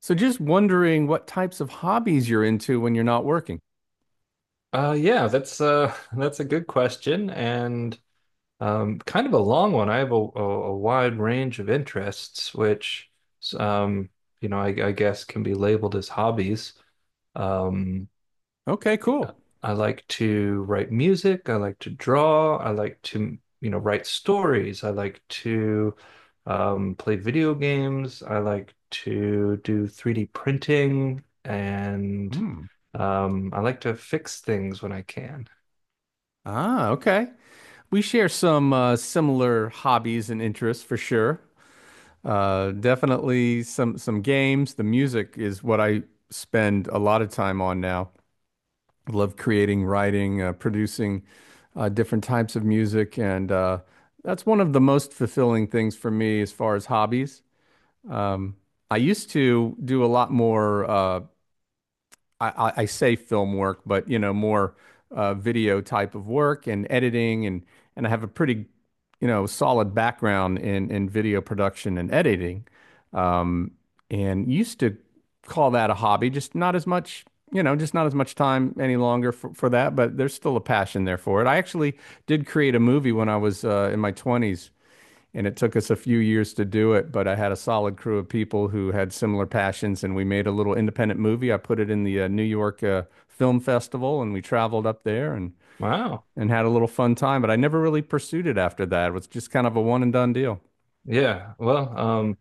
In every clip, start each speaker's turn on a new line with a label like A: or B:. A: So just wondering what types of hobbies you're into when you're not working.
B: Yeah, that's that's a good question and kind of a long one. I have a wide range of interests, which um, I guess can be labeled as hobbies. Um,
A: Okay, cool.
B: I like to write music. I like to draw. I like to, you know, write stories. I like to play video games. I like to do 3D printing, and
A: Hmm.
B: I like to fix things when I can.
A: Ah, okay. We share some similar hobbies and interests for sure. Definitely some games. The music is what I spend a lot of time on now. I love creating, writing, producing different types of music, and that's one of the most fulfilling things for me as far as hobbies. Um, I used to do a lot more. I say film work, but you know, more video type of work and editing, and I have a pretty, you know, solid background in video production and editing. Um, and used to call that a hobby, just not as much, you know, just not as much time any longer for that, but there's still a passion there for it. I actually did create a movie when I was in my 20s, and it took us a few years to do it, but I had a solid crew of people who had similar passions, and we made a little independent movie. I put it in the New York Film Festival, and we traveled up there and
B: Wow.
A: and had a little fun time. But I never really pursued it after that. It was just kind of a one and done deal.
B: Yeah. Well,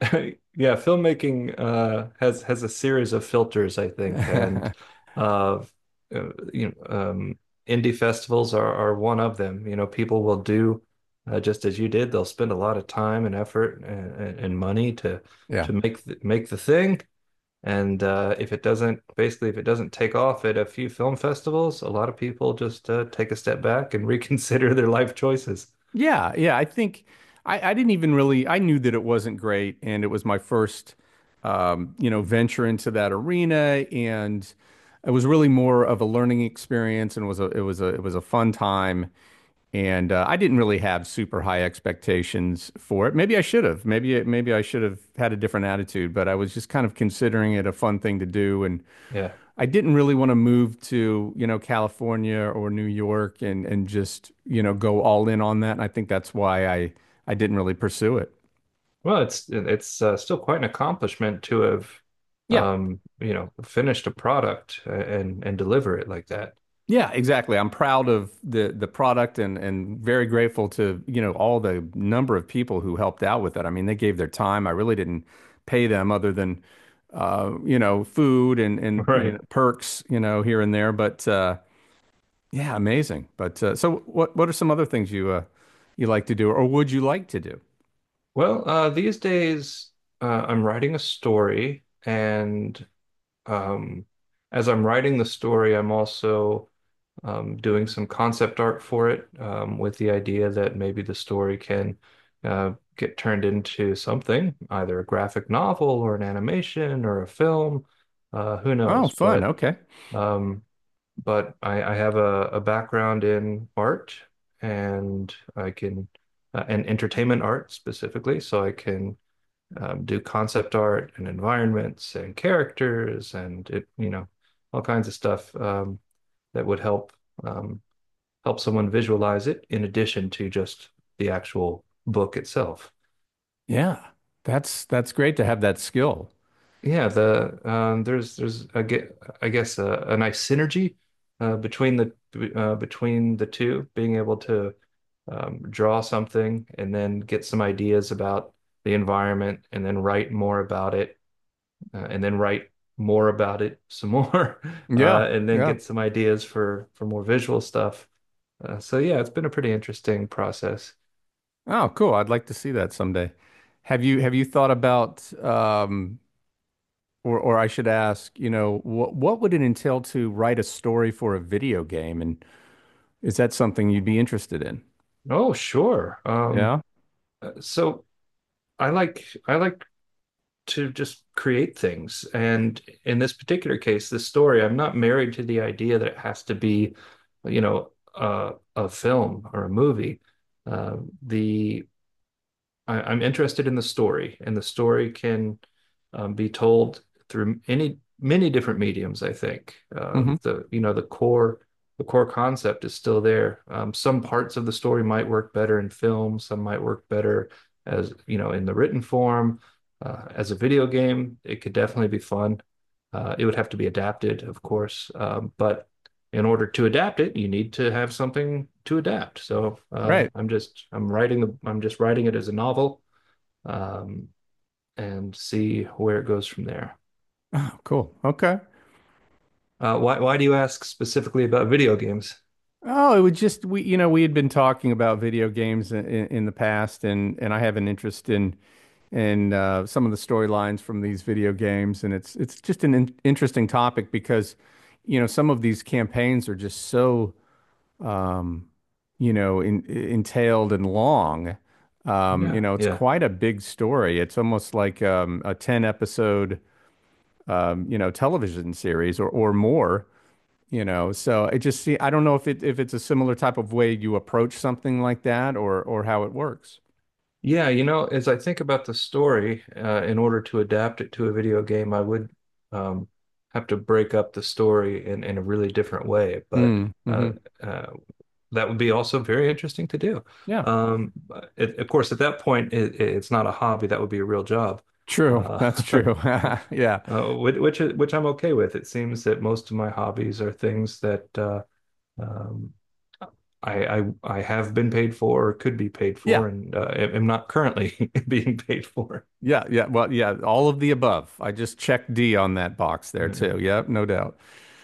B: yeah, filmmaking has a series of filters, I think, and uh, uh you know, um indie festivals are one of them. You know, people will do just as you did. They'll spend a lot of time and effort and money to
A: Yeah.
B: make the thing. And if it doesn't take off at a few film festivals, a lot of people just take a step back and reconsider their life choices.
A: Yeah, yeah. I think I didn't even really, I knew that it wasn't great, and it was my first you know, venture into that arena, and it was really more of a learning experience, and was a it was a it was a fun time. And I didn't really have super high expectations for it. Maybe I should have. Maybe I should have had a different attitude, but I was just kind of considering it a fun thing to do, and
B: Yeah.
A: I didn't really want to move to, you know, California or New York, and just, you know, go all in on that. And I think that's why I didn't really pursue it.
B: Well, it's still quite an accomplishment to have,
A: Yeah.
B: you know, finished a product and deliver it like that.
A: Yeah, exactly. I'm proud of the product, and very grateful to, you know, all the number of people who helped out with it. I mean, they gave their time. I really didn't pay them other than you know, food and and you
B: Right.
A: know, perks, you know, here and there, but yeah, amazing. But so what are some other things you like to do or would you like to do?
B: Well, these days I'm writing a story, and um, as I'm writing the story, I'm also doing some concept art for it, with the idea that maybe the story can get turned into something, either a graphic novel or an animation or a film. Who
A: Oh,
B: knows?
A: fun.
B: But
A: Okay.
B: Um, I have a background in art and and entertainment art specifically. So I can do concept art and environments and characters and it, you know, all kinds of stuff that would help um, help someone visualize it in addition to just the actual book itself.
A: Yeah. That's great to have that skill.
B: Yeah, the there's I get I guess a nice synergy between the between the two, being able to draw something and then get some ideas about the environment, and then write more about it, and then write more about it some more,
A: Yeah.
B: and then
A: Yeah.
B: get some ideas for more visual stuff. So yeah, it's been a pretty interesting process.
A: Oh, cool. I'd like to see that someday. Have you thought about, or I should ask, you know, what would it entail to write a story for a video game, and is that something you'd be interested in?
B: Oh, sure.
A: Yeah.
B: So I like to just create things. And in this particular case, this story, I'm not married to the idea that it has to be, you know, a film or a movie. Uh, the I'm interested in the story, and the story can be told through any many different mediums. I think
A: Hmm.
B: the you know the core concept is still there. Some parts of the story might work better in film. Some might work better as you know in the written form. As a video game, it could definitely be fun. It would have to be adapted, of course, but in order to adapt it, you need to have something to adapt. So
A: Right.
B: I'm just writing it as a novel um, and see where it goes from there.
A: Oh, cool. Okay.
B: Why do you ask specifically about video games?
A: Oh, it would just we you know, we had been talking about video games in the past, and I have an interest in some of the storylines from these video games, and it's just an in interesting topic because, you know, some of these campaigns are just so, um, you know, entailed and long. You
B: Yeah,
A: know, it's
B: yeah.
A: quite a big story. It's almost like, a 10 episode, you know, television series, or more, you know. So I just see, I don't know if it if it's a similar type of way you approach something like that or how it works.
B: Yeah, you know, as I think about the story, in order to adapt it to a video game, I would um, have to break up the story in a really different way. But
A: Mm, hmm, mm-hmm.
B: uh, uh, that would be also very interesting to do.
A: Yeah,
B: But it, of course, at that point, it's not a hobby. That would be a real job,
A: true.
B: uh,
A: That's true. Yeah.
B: which I'm okay with. It seems that most of my hobbies are things that um, I have been paid for or could be paid
A: Yeah.
B: for, and am not currently being paid for.
A: Yeah. Yeah. Well, yeah, all of the above. I just checked D on that box
B: All
A: there too.
B: right.
A: Yep, no doubt.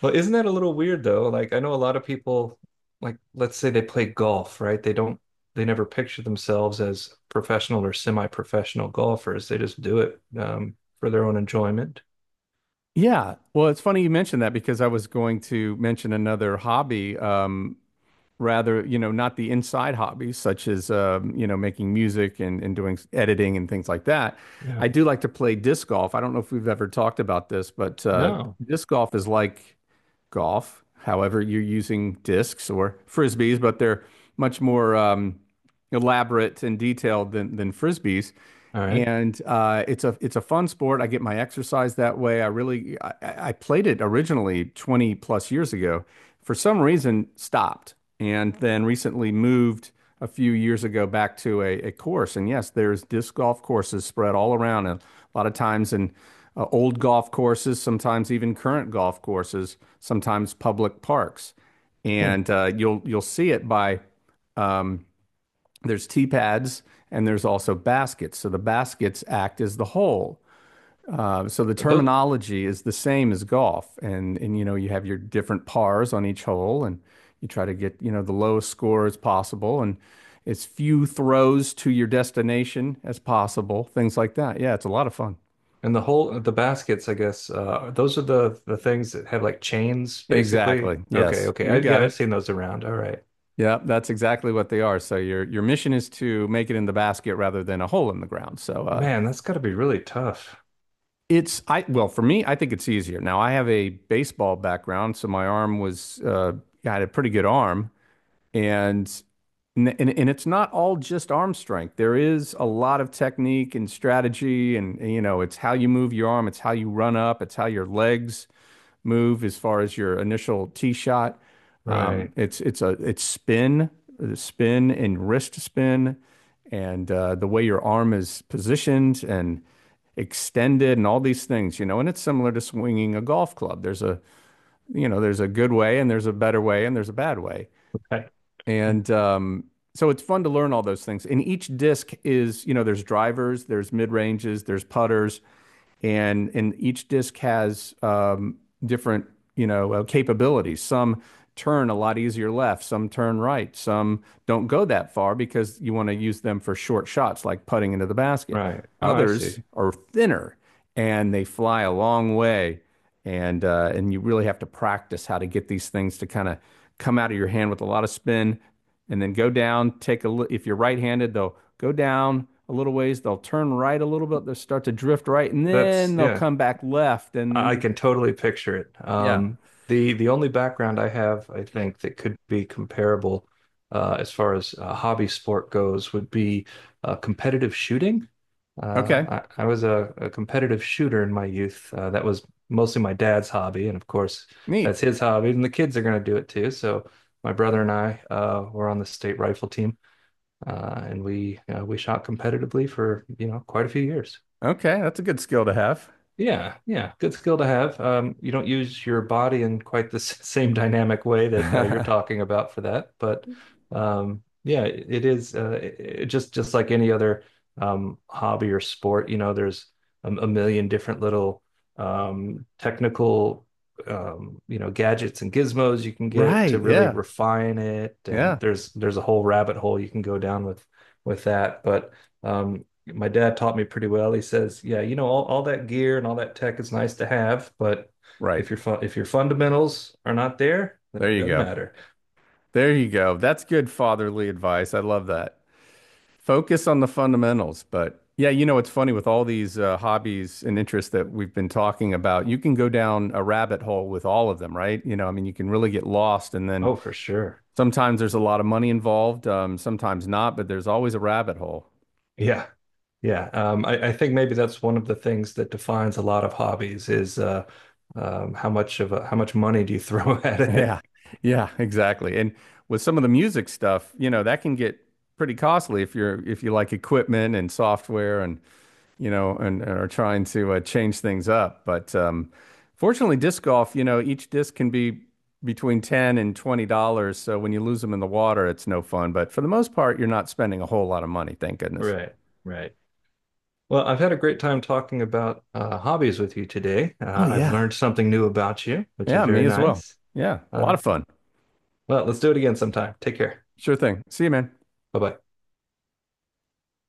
B: Well, isn't that a little weird though? Like I know a lot of people, like let's say they play golf, right? They never picture themselves as professional or semi-professional golfers. They just do it for their own enjoyment.
A: Yeah. Well, it's funny you mentioned that, because I was going to mention another hobby, rather, you know, not the inside hobbies such as, you know, making music, and doing editing and things like that.
B: Yeah.
A: I do like to play disc golf. I don't know if we've ever talked about this, but
B: No.
A: disc golf is like golf. However, you're using discs or frisbees, but they're much more, elaborate and detailed than frisbees.
B: All right.
A: And it's a fun sport. I get my exercise that way. I played it originally 20 plus years ago. For some reason, stopped and then recently moved a few years ago back to a course. And yes, there's disc golf courses spread all around. And a lot of times in old golf courses, sometimes even current golf courses, sometimes public parks.
B: Hmm.
A: And you'll see it by, there's tee pads, and there's also baskets. So the baskets act as the hole. So the
B: Those
A: terminology is the same as golf, and you know, you have your different pars on each hole, and you try to get, you know, the lowest score as possible, and as few throws to your destination as possible, things like that. Yeah, it's a lot of fun.
B: and the baskets, I guess. Those are the things that have like chains, basically.
A: Exactly.
B: Okay.
A: Yes,
B: Okay. I,
A: you got
B: yeah,
A: it.
B: I've seen those around. All right.
A: Yeah, that's exactly what they are. So your mission is to make it in the basket rather than a hole in the ground. So
B: Man, that's got to be really tough.
A: It's I well, for me, I think it's easier. Now I have a baseball background, so my arm was I had a pretty good arm, and and it's not all just arm strength. There is a lot of technique and strategy, and, you know, it's how you move your arm, it's how you run up, it's how your legs move as far as your initial tee shot. Um,
B: Right.
A: it's it's a it's spin, spin and wrist spin, and the way your arm is positioned and extended and all these things, you know. And it's similar to swinging a golf club. There's a good way, and there's a better way, and there's a bad way.
B: Okay.
A: And so it's fun to learn all those things. And each disc is, you know, there's drivers, there's mid ranges, there's putters, and each disk has, different, you know, capabilities. Some turn a lot easier left, some turn right, some don't go that far because you want to use them for short shots like putting into the basket.
B: Right. Oh, I see.
A: Others are thinner and they fly a long way, and you really have to practice how to get these things to kind of come out of your hand with a lot of spin, and then go down, take a if you're right-handed, they'll go down a little ways, they'll turn right a little bit, they'll start to drift right, and
B: That's
A: then they'll
B: yeah.
A: come back left. And
B: I
A: you,
B: can totally picture it.
A: yeah.
B: The only background I have, I think, that could be comparable as far as hobby sport goes would be competitive shooting.
A: Okay.
B: I was a competitive shooter in my youth. That was mostly my dad's hobby, and of course,
A: Neat.
B: that's his hobby, and the kids are going to do it too. So my brother and I were on the state rifle team, and we shot competitively for you know quite a few years.
A: Okay. That's a good skill to have.
B: Yeah, yeah, good skill to have. You don't use your body in quite the same dynamic way that you're talking about for that, but yeah, it just like any other hobby or sport. You know, there's a million different little technical you know gadgets and gizmos you can get to
A: Right.
B: really
A: Yeah.
B: refine it, and
A: Yeah.
B: there's a whole rabbit hole you can go down with that, but. Um, my dad taught me pretty well. He says, "Yeah, you know, all that gear and all that tech is nice to have, but
A: Right.
B: if your fundamentals are not there, then
A: There
B: it
A: you
B: doesn't
A: go.
B: matter."
A: There you go. That's good fatherly advice. I love that. Focus on the fundamentals. But yeah, you know, it's funny, with all these hobbies and interests that we've been talking about, you can go down a rabbit hole with all of them, right? You know, I mean, you can really get lost. And then
B: Oh, for sure.
A: sometimes there's a lot of money involved, sometimes not, but there's always a rabbit hole.
B: Yeah, yeah. I think maybe that's one of the things that defines a lot of hobbies is how how much money do you throw at it?
A: Yeah. Yeah, exactly. And with some of the music stuff, you know, that can get pretty costly if you're, if you like equipment and software, and, you know, and are trying to change things up. But fortunately, disc golf, you know, each disc can be between 10 and $20. So when you lose them in the water, it's no fun. But for the most part, you're not spending a whole lot of money, thank goodness.
B: Right, right. Well, I've had a great time talking about hobbies with you today.
A: Oh,
B: I've
A: yeah.
B: learned something new about you, which is
A: Yeah, me
B: very
A: as well.
B: nice.
A: Yeah, a lot
B: Uh,
A: of fun.
B: well, let's do it again sometime. Take care.
A: Sure thing. See you, man.
B: Bye bye.